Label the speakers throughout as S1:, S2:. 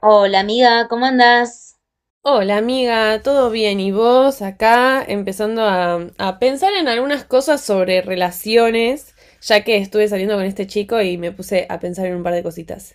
S1: Hola amiga, ¿cómo andás?
S2: Hola amiga, ¿todo bien? ¿Y vos acá empezando a pensar en algunas cosas sobre relaciones, ya que estuve saliendo con este chico y me puse a pensar en un par de cositas?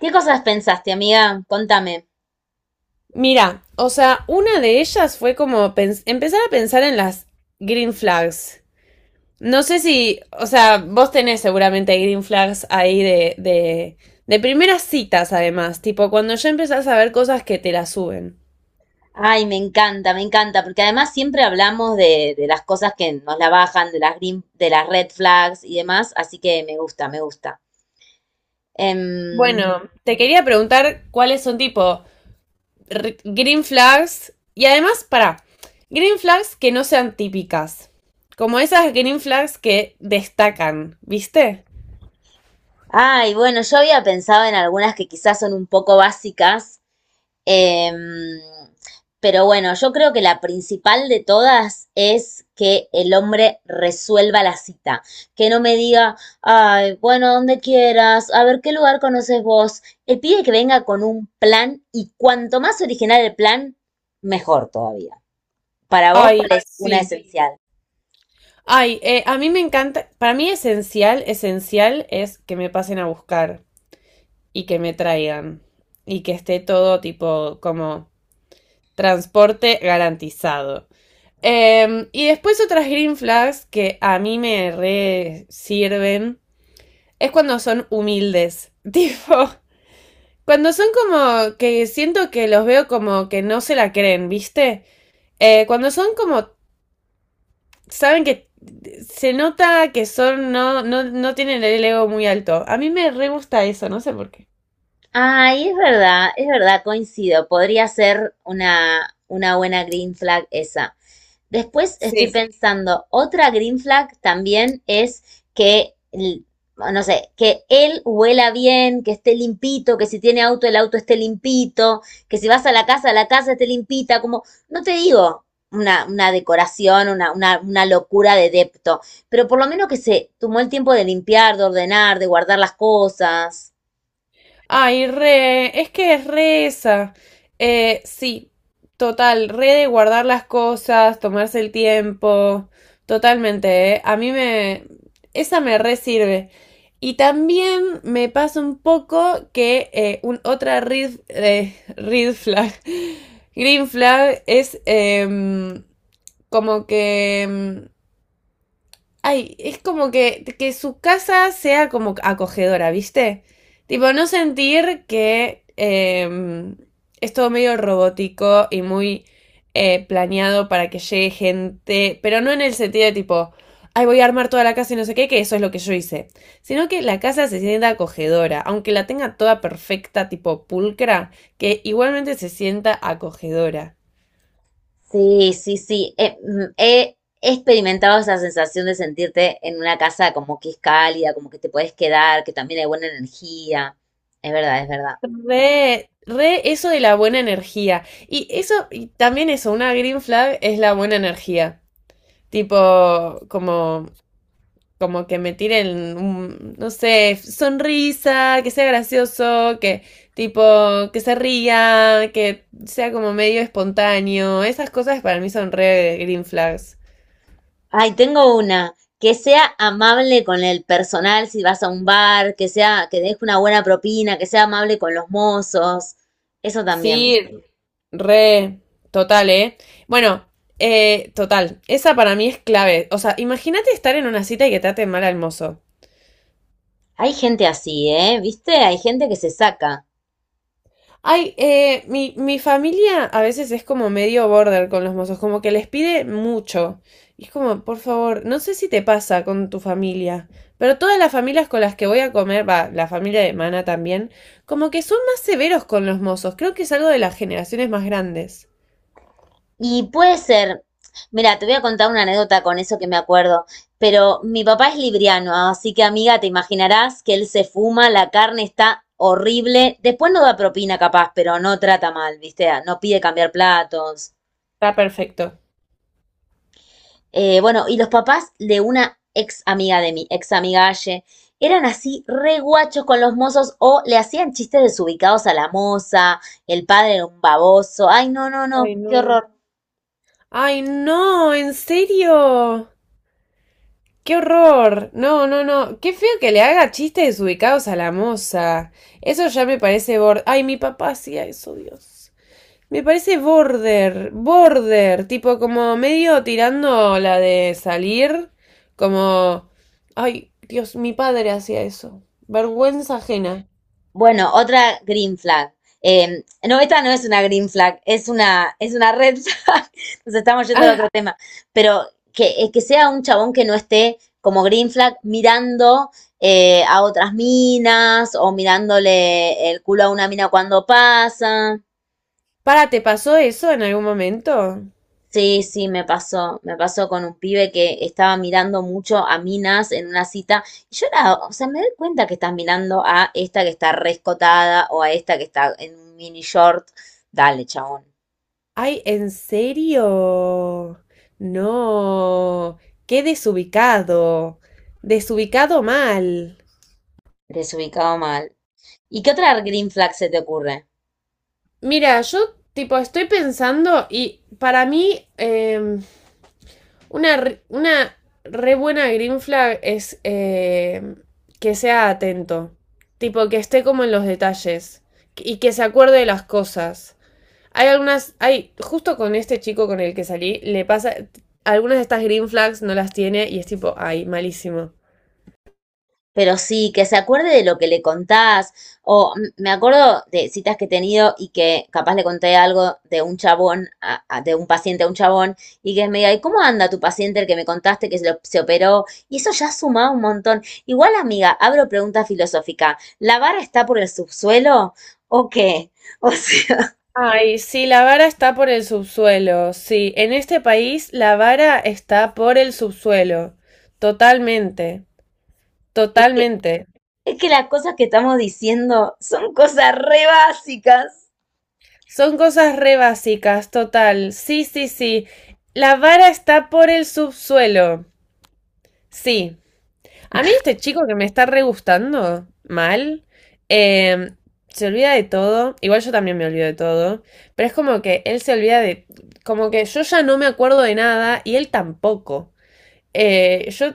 S1: ¿Qué cosas pensaste, amiga? Contame.
S2: Mira, o sea, una de ellas fue como empezar a pensar en las green flags. No sé si, o sea, vos tenés seguramente green flags ahí de primeras citas además, tipo cuando ya empezás a ver cosas que te la suben.
S1: Ay, me encanta, porque además siempre hablamos de las cosas que nos la bajan, de las green, de las red flags y demás, así que me gusta, me gusta. Em,
S2: Bueno, te quería preguntar cuáles son tipo green flags. Y además, para, green flags que no sean típicas. Como esas green flags que destacan, ¿viste?
S1: ay, bueno, yo había pensado en algunas que quizás son un poco básicas. Em, pero bueno, yo creo que la principal de todas es que el hombre resuelva la cita, que no me diga, ay, bueno, donde quieras, a ver qué lugar conoces vos. El pide que venga con un plan y cuanto más original el plan, mejor todavía. Para vos,
S2: Ay,
S1: ¿cuál es una
S2: sí.
S1: esencial?
S2: Ay, a mí me encanta. Para mí esencial, esencial es que me pasen a buscar y que me traigan. Y que esté todo tipo como transporte garantizado. Y después otras green flags que a mí me re sirven es cuando son humildes. Tipo, cuando son como que siento que los veo como que no se la creen, ¿viste? Cuando son como, saben que se nota que son, no, no, no tienen el ego muy alto. A mí me re gusta eso, no sé por qué.
S1: Ay, es verdad, coincido. Podría ser una buena green flag esa. Después estoy
S2: Sí,
S1: pensando, otra green flag también es que, l- no sé, que él huela bien, que esté limpito, que si tiene auto, el auto esté limpito, que si vas a la casa esté limpita, como, no te digo una decoración, una locura de depto, pero por lo menos que se tomó el tiempo de limpiar, de ordenar, de guardar las cosas.
S2: ay, re, es que es re esa. Sí, total, re de guardar las cosas, tomarse el tiempo, totalmente, ¿eh? A mí me, esa me re sirve. Y también me pasa un poco que un, red flag, green flag es como que ay, es como que su casa sea como acogedora, ¿viste? Tipo, no sentir que es todo medio robótico y muy planeado para que llegue gente, pero no en el sentido de tipo, ay, voy a armar toda la casa y no sé qué, que eso es lo que yo hice, sino que la casa se sienta acogedora, aunque la tenga toda perfecta, tipo pulcra, que igualmente se sienta acogedora.
S1: Sí, sí, sí. He experimentado esa sensación de sentirte en una casa como que es cálida, como que te puedes quedar, que también hay buena energía. Es verdad, es verdad.
S2: Re, re eso de la buena energía. Y eso, y también eso, una green flag es la buena energía. Tipo, como, como que me tiren un, no sé, sonrisa, que sea gracioso, que tipo, que se ría, que sea como medio espontáneo. Esas cosas para mí son re green flags.
S1: Ay, tengo una. Que sea amable con el personal si vas a un bar, que sea, que deje una buena propina, que sea amable con los mozos. Eso también.
S2: Sí, re, total, ¿eh? Bueno, total, esa para mí es clave. O sea, imagínate estar en una cita y que traten mal al mozo.
S1: Hay gente así, ¿eh? ¿Viste? Hay gente que se saca.
S2: Ay, mi familia a veces es como medio border con los mozos, como que les pide mucho. Y es como, por favor, no sé si te pasa con tu familia, pero todas las familias con las que voy a comer, va, la familia de Mana también, como que son más severos con los mozos. Creo que es algo de las generaciones más grandes.
S1: Y puede ser, mira, te voy a contar una anécdota con eso que me acuerdo, pero mi papá es libriano, así que amiga, te imaginarás que él se fuma, la carne está horrible, después no da propina capaz, pero no trata mal, viste, no pide cambiar platos.
S2: Está perfecto.
S1: Bueno, y los papás de una ex amiga de mi ex amiga Aye eran así re guachos con los mozos o le hacían chistes desubicados a la moza, el padre era un baboso, ay no, no, no,
S2: Ay,
S1: qué
S2: no.
S1: horror.
S2: Ay, no, en serio. ¡Qué horror! No, no, no. Qué feo que le haga chistes desubicados a la moza. Eso ya me parece border. Ay, mi papá hacía eso, Dios. Me parece border, border, tipo como medio tirando la de salir, como... Ay, Dios, mi padre hacía eso. Vergüenza ajena.
S1: Bueno, otra green flag. No, esta no es una green flag, es una red flag. Nos estamos yendo al
S2: Ah,
S1: otro tema. Pero que sea un chabón que no esté como green flag mirando a otras minas o mirándole el culo a una mina cuando pasa.
S2: para, ¿te pasó eso en algún momento?
S1: Sí, sí, me pasó con un pibe que estaba mirando mucho a minas en una cita y yo era, o sea, me doy cuenta que estás mirando a esta que está rescotada o a esta que está en un mini short. Dale, chabón,
S2: Ay, ¿en serio? No, qué desubicado, desubicado mal.
S1: desubicado mal. ¿Y qué otra green flag se te ocurre?
S2: Mira, yo tipo estoy pensando y para mí una, una re buena green flag es que sea atento, tipo que esté como en los detalles y que se acuerde de las cosas. Hay algunas, hay, justo con este chico con el que salí, le pasa, algunas de estas green flags no las tiene y es tipo, ay, malísimo.
S1: Pero sí, que se acuerde de lo que le contás. Me acuerdo de citas que he tenido y que capaz le conté algo de un chabón, de un paciente a un chabón, y que me diga, ¿y cómo anda tu paciente el que me contaste que se, se operó? Y eso ya suma un montón. Igual, amiga, abro pregunta filosófica. ¿La vara está por el subsuelo o qué? O sea,
S2: Ay, sí, la vara está por el subsuelo. Sí, en este país la vara está por el subsuelo. Totalmente, totalmente.
S1: es que las cosas que estamos diciendo son cosas re básicas.
S2: Son cosas re básicas, total. Sí, sí, sí. La vara está por el subsuelo. Sí, a mí este chico que me está re gustando mal, eh, se olvida de todo, igual yo también me olvido de todo, pero es como que él se olvida de, como que yo ya no me acuerdo de nada y él tampoco. Yo,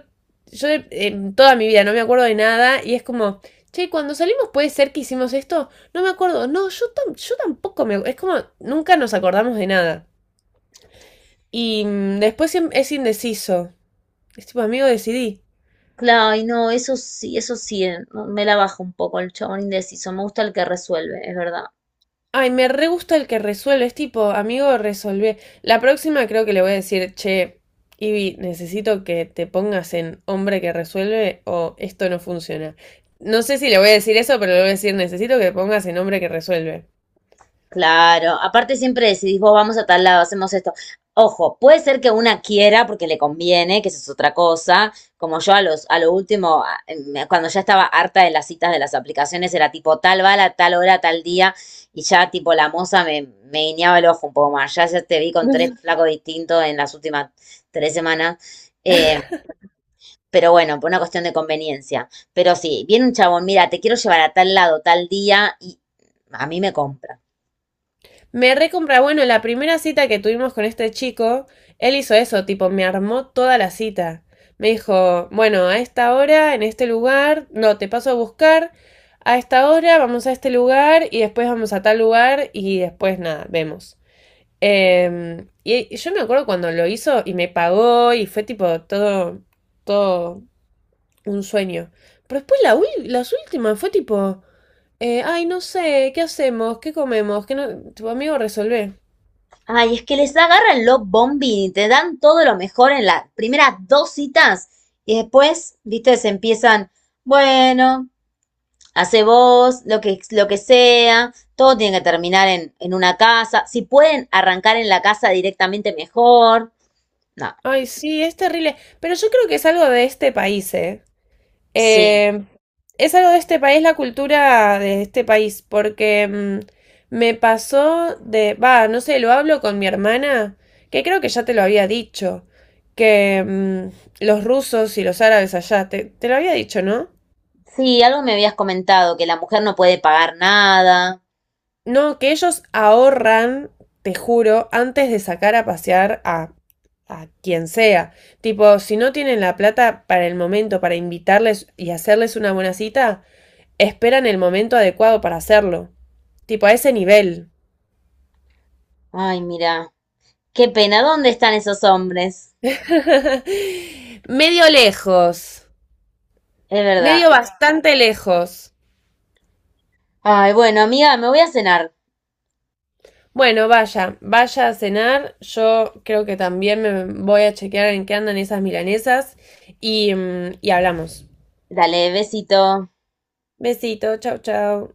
S2: yo en toda mi vida no me acuerdo de nada y es como, che, cuando salimos puede ser que hicimos esto, no me acuerdo, no, yo, yo tampoco me, es como, nunca nos acordamos de nada. Y mm, después es indeciso, es tipo, amigo, decidí.
S1: Claro, y no, eso sí, no, me la bajo un poco el chabón indeciso. Me gusta el que resuelve, es verdad.
S2: Ay, me re gusta el que resuelve, es tipo, amigo, resolvé. La próxima creo que le voy a decir, che, Ivy, necesito que te pongas en hombre que resuelve o esto no funciona. No sé si le voy a decir eso, pero le voy a decir, necesito que te pongas en hombre que resuelve.
S1: Claro, aparte siempre decidís, vos vamos a tal lado, hacemos esto. Ojo, puede ser que una quiera porque le conviene, que eso es otra cosa. Como yo a los, a lo último, cuando ya estaba harta de las citas de las aplicaciones, era tipo tal bala, tal hora, tal día, y ya tipo la moza me, me guiñaba el ojo un poco más. Ya, ya te vi con tres flacos distintos en las últimas 3 semanas. Pero bueno, por una cuestión de conveniencia. Pero sí, viene un chabón, mira, te quiero llevar a tal lado, tal día, y a mí me compra.
S2: Me recompra, bueno, la primera cita que tuvimos con este chico, él hizo eso, tipo, me armó toda la cita. Me dijo, bueno, a esta hora, en este lugar, no, te paso a buscar, a esta hora vamos a este lugar y después vamos a tal lugar y después nada, vemos. Em, y yo me acuerdo cuando lo hizo y me pagó y fue tipo todo, todo un sueño. Pero después la las últimas fue tipo, ay, no sé, ¿qué hacemos? ¿Qué comemos? ¿Qué no? Tu amigo resolvé.
S1: Ay, es que les agarran los bombín y te dan todo lo mejor en las primeras 2 citas. Y después, viste, se empiezan, bueno, hace vos, lo que sea, todo tiene que terminar en una casa. Si pueden arrancar en la casa directamente mejor. No,
S2: Ay, sí, es terrible. Pero yo creo que es algo de este país, ¿eh?
S1: sí.
S2: Eh, es algo de este país, la cultura de este país, porque mm, me pasó de, va, no sé, lo hablo con mi hermana, que creo que ya te lo había dicho, que mm, los rusos y los árabes allá, te lo había dicho, ¿no?
S1: Sí, algo me habías comentado, que la mujer no puede pagar nada.
S2: No, que ellos ahorran, te juro, antes de sacar a pasear a quien sea. Tipo, si no tienen la plata para el momento, para invitarles y hacerles una buena cita, esperan el momento adecuado para hacerlo. Tipo, a ese nivel.
S1: Ay, mira. Qué pena, ¿dónde están esos hombres?
S2: Medio lejos.
S1: Es
S2: Medio
S1: verdad.
S2: bastante lejos.
S1: Ay, bueno, amiga, me voy a cenar.
S2: Bueno, vaya, vaya a cenar. Yo creo que también me voy a chequear en qué andan esas milanesas y, mm, y hablamos.
S1: Dale, besito.
S2: Besito, chao, chao.